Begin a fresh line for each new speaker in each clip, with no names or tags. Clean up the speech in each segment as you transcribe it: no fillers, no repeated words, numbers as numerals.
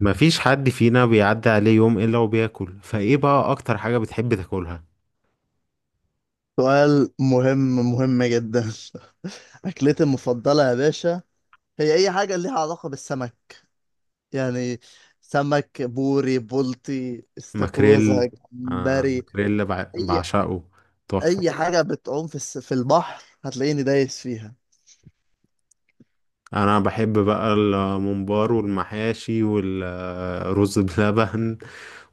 مفيش حد فينا بيعدي عليه يوم إلا وبياكل، فإيه بقى أكتر حاجة بتحب تاكلها؟
سؤال مهم. مهم جدا. أكلتي المفضلة يا باشا؟ هي أي حاجة ليها علاقة بالسمك. يعني سمك بوري، بولتي، استاكوزا،
ماكريل.
جمبري.
ماكريل،
أي
بعشقه. تحفة.
أي حاجة بتعوم في في البحر هتلاقيني دايس فيها.
أنا بحب بقى الممبار والمحاشي والرز بلبن،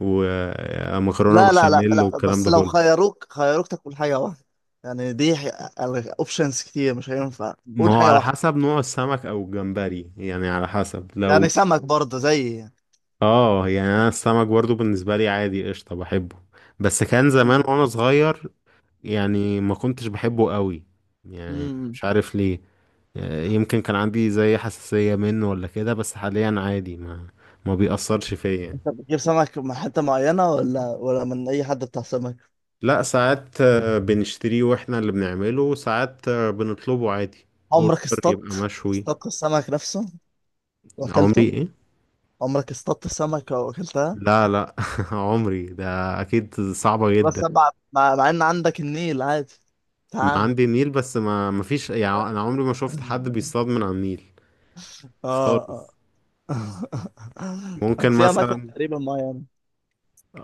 ومكرونة
لا لا لا،
بشاميل
لا
والكلام
بس
ده
لو
كله.
خيروك تاكل حاجة واحدة، يعني دي أوبشنز كتير، مش هينفع
ما
قول
هو
حاجة
على
واحدة.
حسب نوع السمك أو الجمبري، يعني على حسب لو.
يعني سمك برضه زي
اه، يعني أنا السمك برضو بالنسبة لي عادي، قشطة بحبه. بس كان زمان وأنا صغير، يعني ما كنتش بحبه قوي، يعني
يعني،
مش عارف ليه. يمكن كان عندي زي حساسية منه ولا كده، بس حاليا عادي، ما بيأثرش فيا يعني.
انت بتجيب سمك من حتة معينة ولا من أي حد بتاع سمك؟
لا، ساعات بنشتريه واحنا اللي بنعمله، وساعات بنطلبه عادي.
عمرك
اوردر، يبقى
اصطدت
مشوي.
اصطدت السمك نفسه
عمري
وأكلته؟
ايه؟
عمرك اصطدت السمكة وأكلتها؟
لا، لا عمري ده. اكيد صعبة جدا.
بس مع مع إن عندك النيل عادي تعامل.
عندي النيل، بس ما فيش يعني، انا عمري ما شفت حد بيصطاد من على النيل
اه
خالص.
اه. طب
ممكن
في أماكن
مثلا
تقريبا معينة.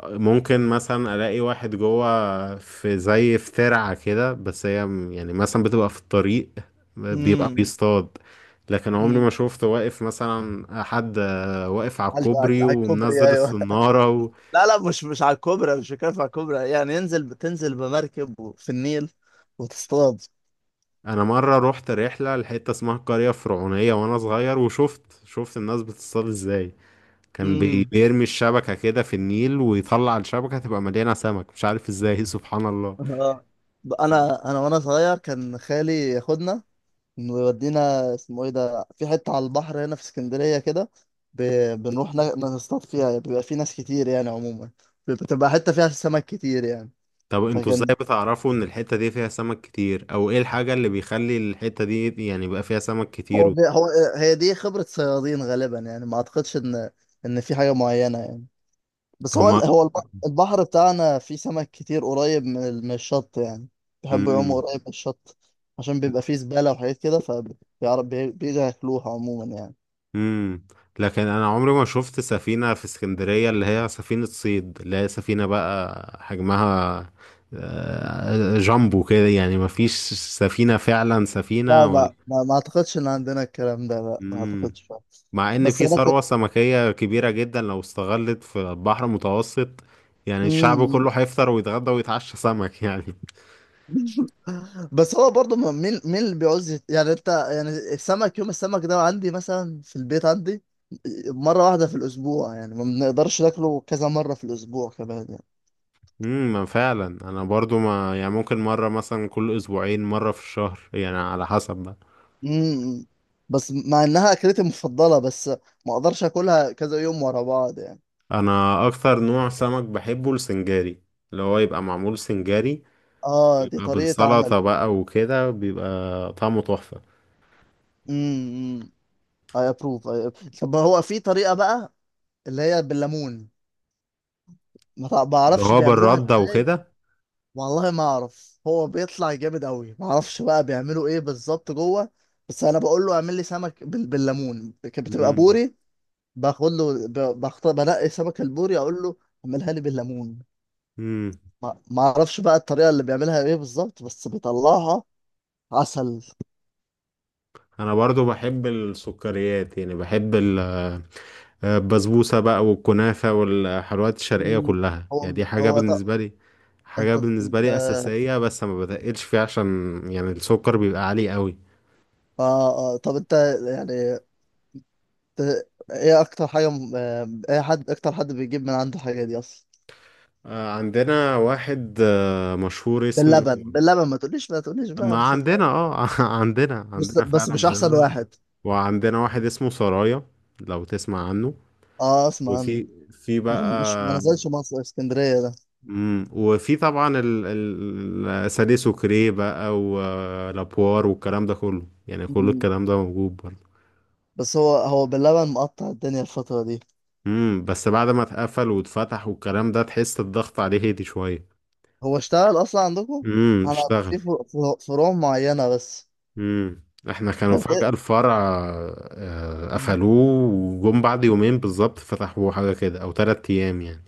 ممكن مثلا الاقي واحد جوه في زي في ترعة كده، بس يعني مثلا بتبقى في الطريق بيبقى
امم.
بيصطاد. لكن عمري ما
امم.
شفت واقف مثلا حد واقف على
على
الكوبري
على الكوبري
ومنزل
أيوه.
الصنارة و.
لا لا، مش على الكوبري، مش كيف على الكوبري، يعني ينزل بتنزل بمركب في النيل وتصطاد.
انا مرة روحت رحلة لحتة اسمها القرية الفرعونية وانا صغير، وشفت الناس بتصطاد ازاي. كان بيرمي الشبكة كده في النيل، ويطلع الشبكة تبقى مليانة سمك، مش عارف ازاي سبحان الله.
آه. انا وانا صغير كان خالي ياخدنا ويودينا، اسمه ايه ده، في حته على البحر هنا في اسكندريه كده. ب... بنروح نصطاد فيها، بيبقى في ناس كتير يعني عموما، بتبقى حته فيها سمك كتير يعني.
طب انتوا ازاي
فكان،
بتعرفوا ان الحتة دي فيها سمك كتير، او ايه الحاجة اللي بيخلي الحتة دي يعني يبقى فيها سمك كتير
هو
و.
دي... هو هي دي خبره صيادين غالبا، يعني ما اعتقدش ان، ان في حاجه معينه يعني. بس هو
هما.
هو البحر بتاعنا فيه سمك كتير قريب من من الشط يعني، بيحبوا يعوموا
امم
قريب من الشط عشان بيبقى فيه زبالة وحاجات كده، فبيعرف بيجوا ياكلوها عموما يعني.
امم لكن انا عمري ما شفت سفينة في اسكندرية، اللي هي سفينة صيد، اللي هي سفينة بقى حجمها جامبو كده، يعني ما فيش سفينة فعلا
لا
سفينة ولا.
ما اعتقدش ان عندنا الكلام ده، لا ما
مم.
اعتقدش فعلا.
مع ان
بس
في
انا
ثروة
كنت.
سمكية كبيرة جدا لو استغلت في البحر المتوسط، يعني الشعب
مم.
كله هيفطر ويتغدى ويتعشى سمك يعني.
بس هو برضه مين اللي بيعوز يعني انت يعني السمك، يوم السمك ده عندي مثلا في البيت، عندي مرة واحدة في الأسبوع، يعني ما بنقدرش ناكله كذا مرة في الأسبوع كمان يعني.
ما فعلا انا برضو ما يعني ممكن مرة مثلا كل اسبوعين، مرة في الشهر يعني على حسب بقى.
امم. بس مع انها اكلتي المفضله، بس ما اقدرش اكلها كذا يوم ورا بعض يعني.
انا اكتر نوع سمك بحبه السنجاري، اللي هو يبقى معمول سنجاري،
اه دي
يبقى
طريقه عمل.
بالسلطة بقى وكده بيبقى طعمه تحفة،
امم. اي ابروف، اي. طب هو في طريقه بقى اللي هي بالليمون، ما
اللي
اعرفش
هو
بيعملوها
بالردة
ازاي.
وكده.
والله ما اعرف، هو بيطلع جامد قوي، ما اعرفش بقى بيعملوا ايه بالظبط جوه. بس انا بقول له اعمل لي سمك بالليمون، كانت بتبقى بوري. باخد له بنقي سمك البوري، اقول له اعملها لي بالليمون.
امم
ما اعرفش بقى الطريقه اللي بيعملها ايه بالظبط، بس بيطلعها عسل.
انا برضو بحب السكريات، يعني بحب البسبوسة بقى والكنافة والحلويات الشرقية
مم.
كلها،
هو
يعني دي حاجة
هو ط...
بالنسبة لي، حاجة
انت انت،
بالنسبة لي أساسية، بس ما بتقلش فيها عشان يعني السكر بيبقى عالي قوي.
اه اه طب انت يعني ت... ايه اكتر حاجه ايه حد، اكتر حد بيجيب من عنده حاجه دي اصلا؟
عندنا واحد مشهور اسمه.
باللبن، ما تقوليش، ما تقوليش بقى،
ما
بتفكر.
عندنا. اه عندنا
بس
عندنا
بس
فعلا
مش احسن
بلبن،
واحد.
وعندنا واحد اسمه سرايا، لو تسمع عنه،
اه اسمع عنه.
وفي
مش
بقى.
مش ما نزلش مصر، اسكندريه ده.
مم. وفي طبعا الاساليب، سوكري بقى ولابوار والكلام ده كله، يعني كل
مم.
الكلام ده موجود برضه.
بس هو باللبن مقطع الدنيا الفتره دي.
بس بعد ما اتقفل واتفتح والكلام ده، تحس الضغط عليه هدي شويه.
هو اشتغل اصلا عندكم؟ انا
اشتغل.
في فروع معينه بس.
امم احنا كانوا فجأة الفرع قفلوه، وجم بعد يومين بالظبط فتحوه، حاجة كده او 3 ايام يعني.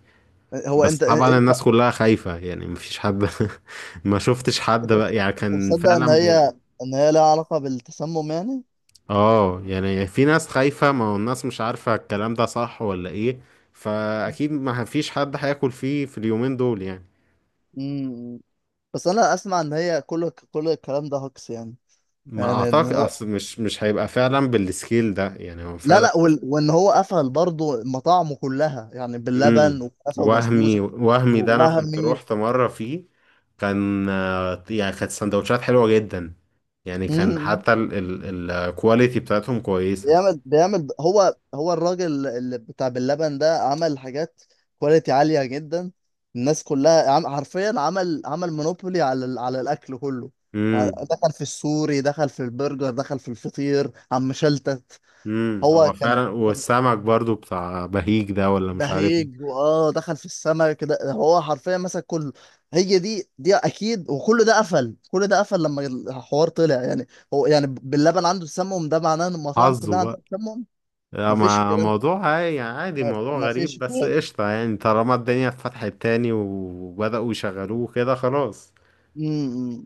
هو
بس
انت
طبعا
انت
الناس كلها خايفة، يعني مفيش حد ما شفتش حد
انت
بقى، يعني
انت
كان
مصدق ان
فعلا.
هي، ان هي لها علاقة بالتسمم يعني؟
اه، يعني في ناس خايفة، ما هو الناس مش عارفة الكلام ده صح ولا ايه، فاكيد ما فيش حد هياكل فيه في اليومين دول يعني.
امم. بس انا اسمع ان هي كل الكلام ده هوكس يعني،
ما
يعني ان
اعتقد،
هو.
اصل مش هيبقى فعلا بالسكيل ده، يعني هو
لا
فعلا.
لا، وان هو قفل برضه مطاعمه كلها يعني
امم
باللبن وكنافه
وهمي
وبسبوسه
وهمي ده، انا كنت
ووهمي.
روحت مرة فيه، كان يعني كانت سندوتشات حلوة جدا، يعني كان حتى الكواليتي بتاعتهم كويسة.
بيعمل هو الراجل اللي بتاع باللبن ده عمل حاجات كواليتي عالية جدا، الناس كلها عم حرفيا، عمل مونوبولي على على الأكل كله.
امم
دخل في السوري، دخل في البرجر، دخل في الفطير، عم شلتت. هو
هو
كان
فعلا،
كان
والسمك برضو بتاع بهيج ده، ولا مش عارف إيه.
بهيج، واه دخل في السمك ده، هو حرفيا مسك كله. هي دي اكيد، وكل ده قفل، كل ده قفل لما الحوار طلع يعني. هو يعني باللبن عنده السمم، ده معناه ان المطاعم
حظه
كلها عندها
بقى.
السمم.
لا،
مفيش
ما
كلام،
موضوع عادي يعني، عادي،
ما
موضوع
ما
غريب،
فيش
بس
كده.
قشطة يعني طالما الدنيا اتفتحت تاني وبدأوا يشغلوه كده، خلاص.
امم.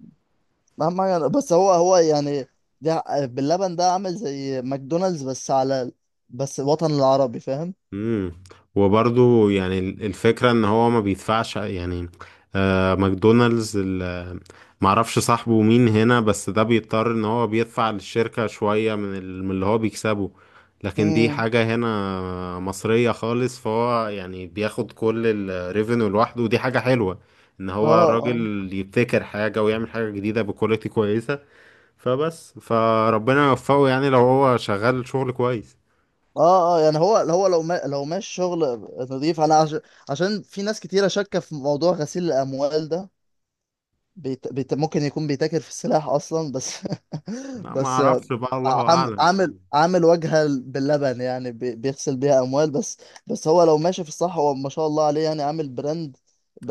اهم حاجه، بس هو يعني ده باللبن ده عامل زي ماكدونالدز، بس على، بس الوطن العربي، فاهم.
امم وبرضو يعني الفكرة ان هو ما بيدفعش يعني. ماكدونالدز، معرفش صاحبه مين هنا، بس ده بيضطر ان هو بيدفع للشركة شوية من اللي هو بيكسبه. لكن دي
امم.
حاجة هنا مصرية خالص، فهو يعني بياخد كل الريفينيو لوحده، ودي حاجة حلوة ان
اه
هو
اه.
الراجل يبتكر حاجة ويعمل حاجة جديدة بكواليتي كويسة. فبس فربنا يوفقه، يعني لو هو شغال شغل كويس.
اه اه يعني هو لو ما لو ماشي شغل نظيف. انا عشان في ناس كتيره شاكه في موضوع غسيل الاموال ده، ممكن يكون بيتاجر في السلاح اصلا بس.
لا، ما
بس
اعرفش بقى، الله اعلم
عامل
يعني.
عامل وجهه باللبن يعني بيغسل بيها اموال بس. بس هو لو ماشي في الصح هو ما شاء الله عليه، يعني عامل براند،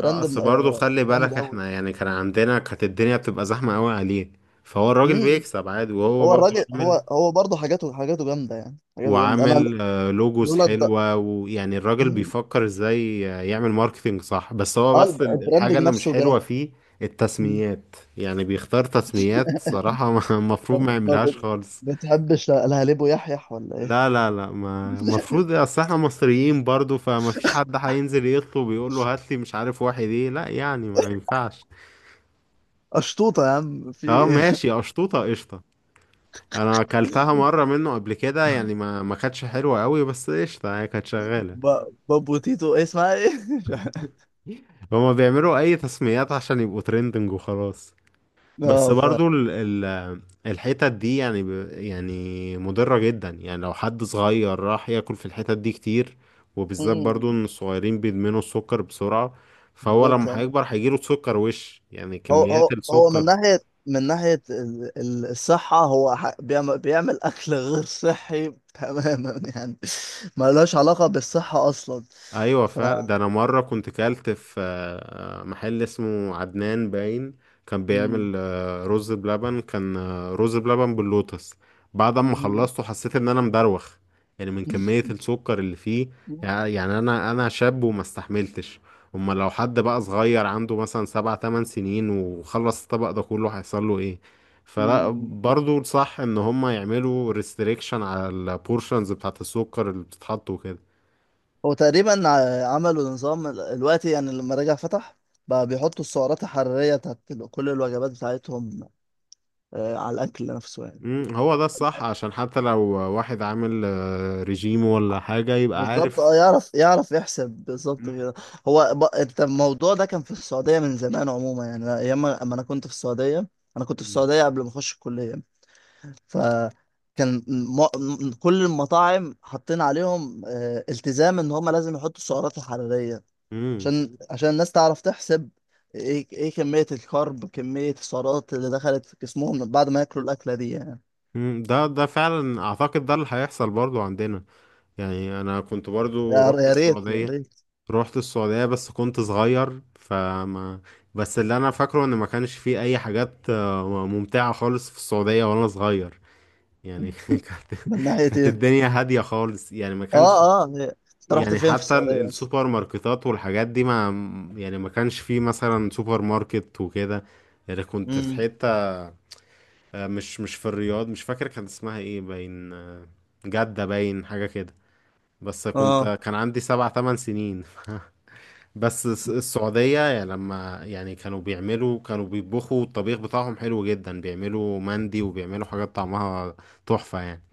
اه، اصل برضه خلي
جامد
بالك،
قوي.
احنا يعني كان عندنا كانت الدنيا بتبقى زحمة قوي عليه، فهو الراجل
مم.
بيكسب عادي، وهو
هو
برضه
الراجل، هو
عامل.
هو برضه حاجاته جامده، يعني حاجاته جامده، انا.
وعامل لوجوز
لولا الد...
حلوة، ويعني الراجل
مم.
بيفكر ازاي يعمل ماركتينج صح، بس هو
اه
بس الحاجة
البراندنج
اللي مش
نفسه
حلوة
جامد.
فيه
مم.
التسميات، يعني بيختار تسميات صراحة
ما
المفروض ما
ما
يعملهاش
بت...
خالص.
بتحبش الهليب ويحيح ولا ايه؟
لا، لا، لا، ما المفروض، اصل احنا مصريين برضه، فما فيش حد هينزل يطلب يقول له هات لي مش عارف واحد ايه، لا يعني ما ينفعش.
قشطوطه يا عم، في
اه
ايه؟
ماشي، قشطوطة قشطة. انا اكلتها مرة منه قبل كده، يعني ما كانتش حلوة قوي، بس قشطة هي كانت شغالة.
ب... بابو تيتو، إيه اسمها ايه؟ مش عارف.
هما بيعملوا اي تسميات عشان يبقوا ترندنج، وخلاص. بس
اه ف.
برضو ال ال الحتت دي يعني، يعني مضرة جدا، يعني لو حد صغير راح ياكل في الحتت دي كتير، وبالذات برضو
مم.
ان الصغيرين بيدمنوا السكر بسرعة، فهو
بالظبط
لما
آه.
هيكبر هيجيله سكر، وش يعني كميات
هو من
السكر.
ناحية، من الصحة، هو بيعمل أكل غير صحي تماما يعني، ملوش علاقة بالصحة أصلا.
ايوه
ف.
فعلا، ده انا مره كنت كلت في محل اسمه عدنان باين، كان
مم.
بيعمل رز بلبن، كان رز بلبن باللوتس. بعد ما
مم.
خلصته حسيت ان انا مدروخ، يعني من كميه السكر اللي فيه.
مم.
يعني انا شاب وما استحملتش. اما لو حد بقى صغير عنده مثلا سبع تمن سنين وخلص الطبق ده كله، هيحصل له ايه؟ فلا،
مم.
برضو صح ان هم يعملوا ريستريكشن على البورشنز بتاعت السكر اللي بتتحط وكده.
هو تقريبا عملوا نظام الوقت يعني، لما رجع فتح بقى بيحطوا السعرات الحرارية بتاعت كل الوجبات بتاعتهم، آه، على الأكل نفسه يعني.
مم، هو ده الصح، عشان حتى لو واحد عامل ريجيم ولا حاجة يبقى
بالظبط
عارف.
اه، يعرف يحسب
مم،
بالظبط كده. هو انت الموضوع ده كان في السعوديه من زمان عموما، يعني ايام ما، أما انا كنت في السعوديه، انا كنت في
مم،
السعوديه قبل ما اخش الكليه، فكان كل المطاعم حاطين عليهم آه، التزام ان هم لازم يحطوا السعرات الحراريه،
مم،
عشان الناس تعرف تحسب ايه، كميه الكارب، كميه السعرات اللي دخلت في جسمهم من بعد ما ياكلوا الاكله دي يعني.
مم. ده فعلا، اعتقد ده اللي هيحصل برضو عندنا. يعني انا كنت
يا
برضو رحت
يا ريت يا
السعودية.
ريت.
بس كنت صغير، فما. بس اللي انا فاكره ان ما كانش فيه اي حاجات ممتعة خالص في السعودية وانا صغير، يعني كانت.
من ناحيه
كانت
ايه؟
الدنيا هادية خالص، يعني ما كانش.
اه اه انت رحت
يعني
فين في
حتى
السعوديه؟
السوبر ماركتات والحاجات دي، ما. يعني ما كانش فيه مثلا سوبر ماركت وكده، يعني كنت في
امم.
حتة مش مش في الرياض، مش فاكر كان اسمها ايه، باين جدة باين حاجة كده، بس
اه.
كنت كان عندي سبع تمن سنين بس السعودية، يعني لما يعني كانوا بيعملوا كانوا بيطبخوا الطبيخ بتاعهم حلو جدا، بيعملوا مندي وبيعملوا حاجات طعمها تحفة يعني.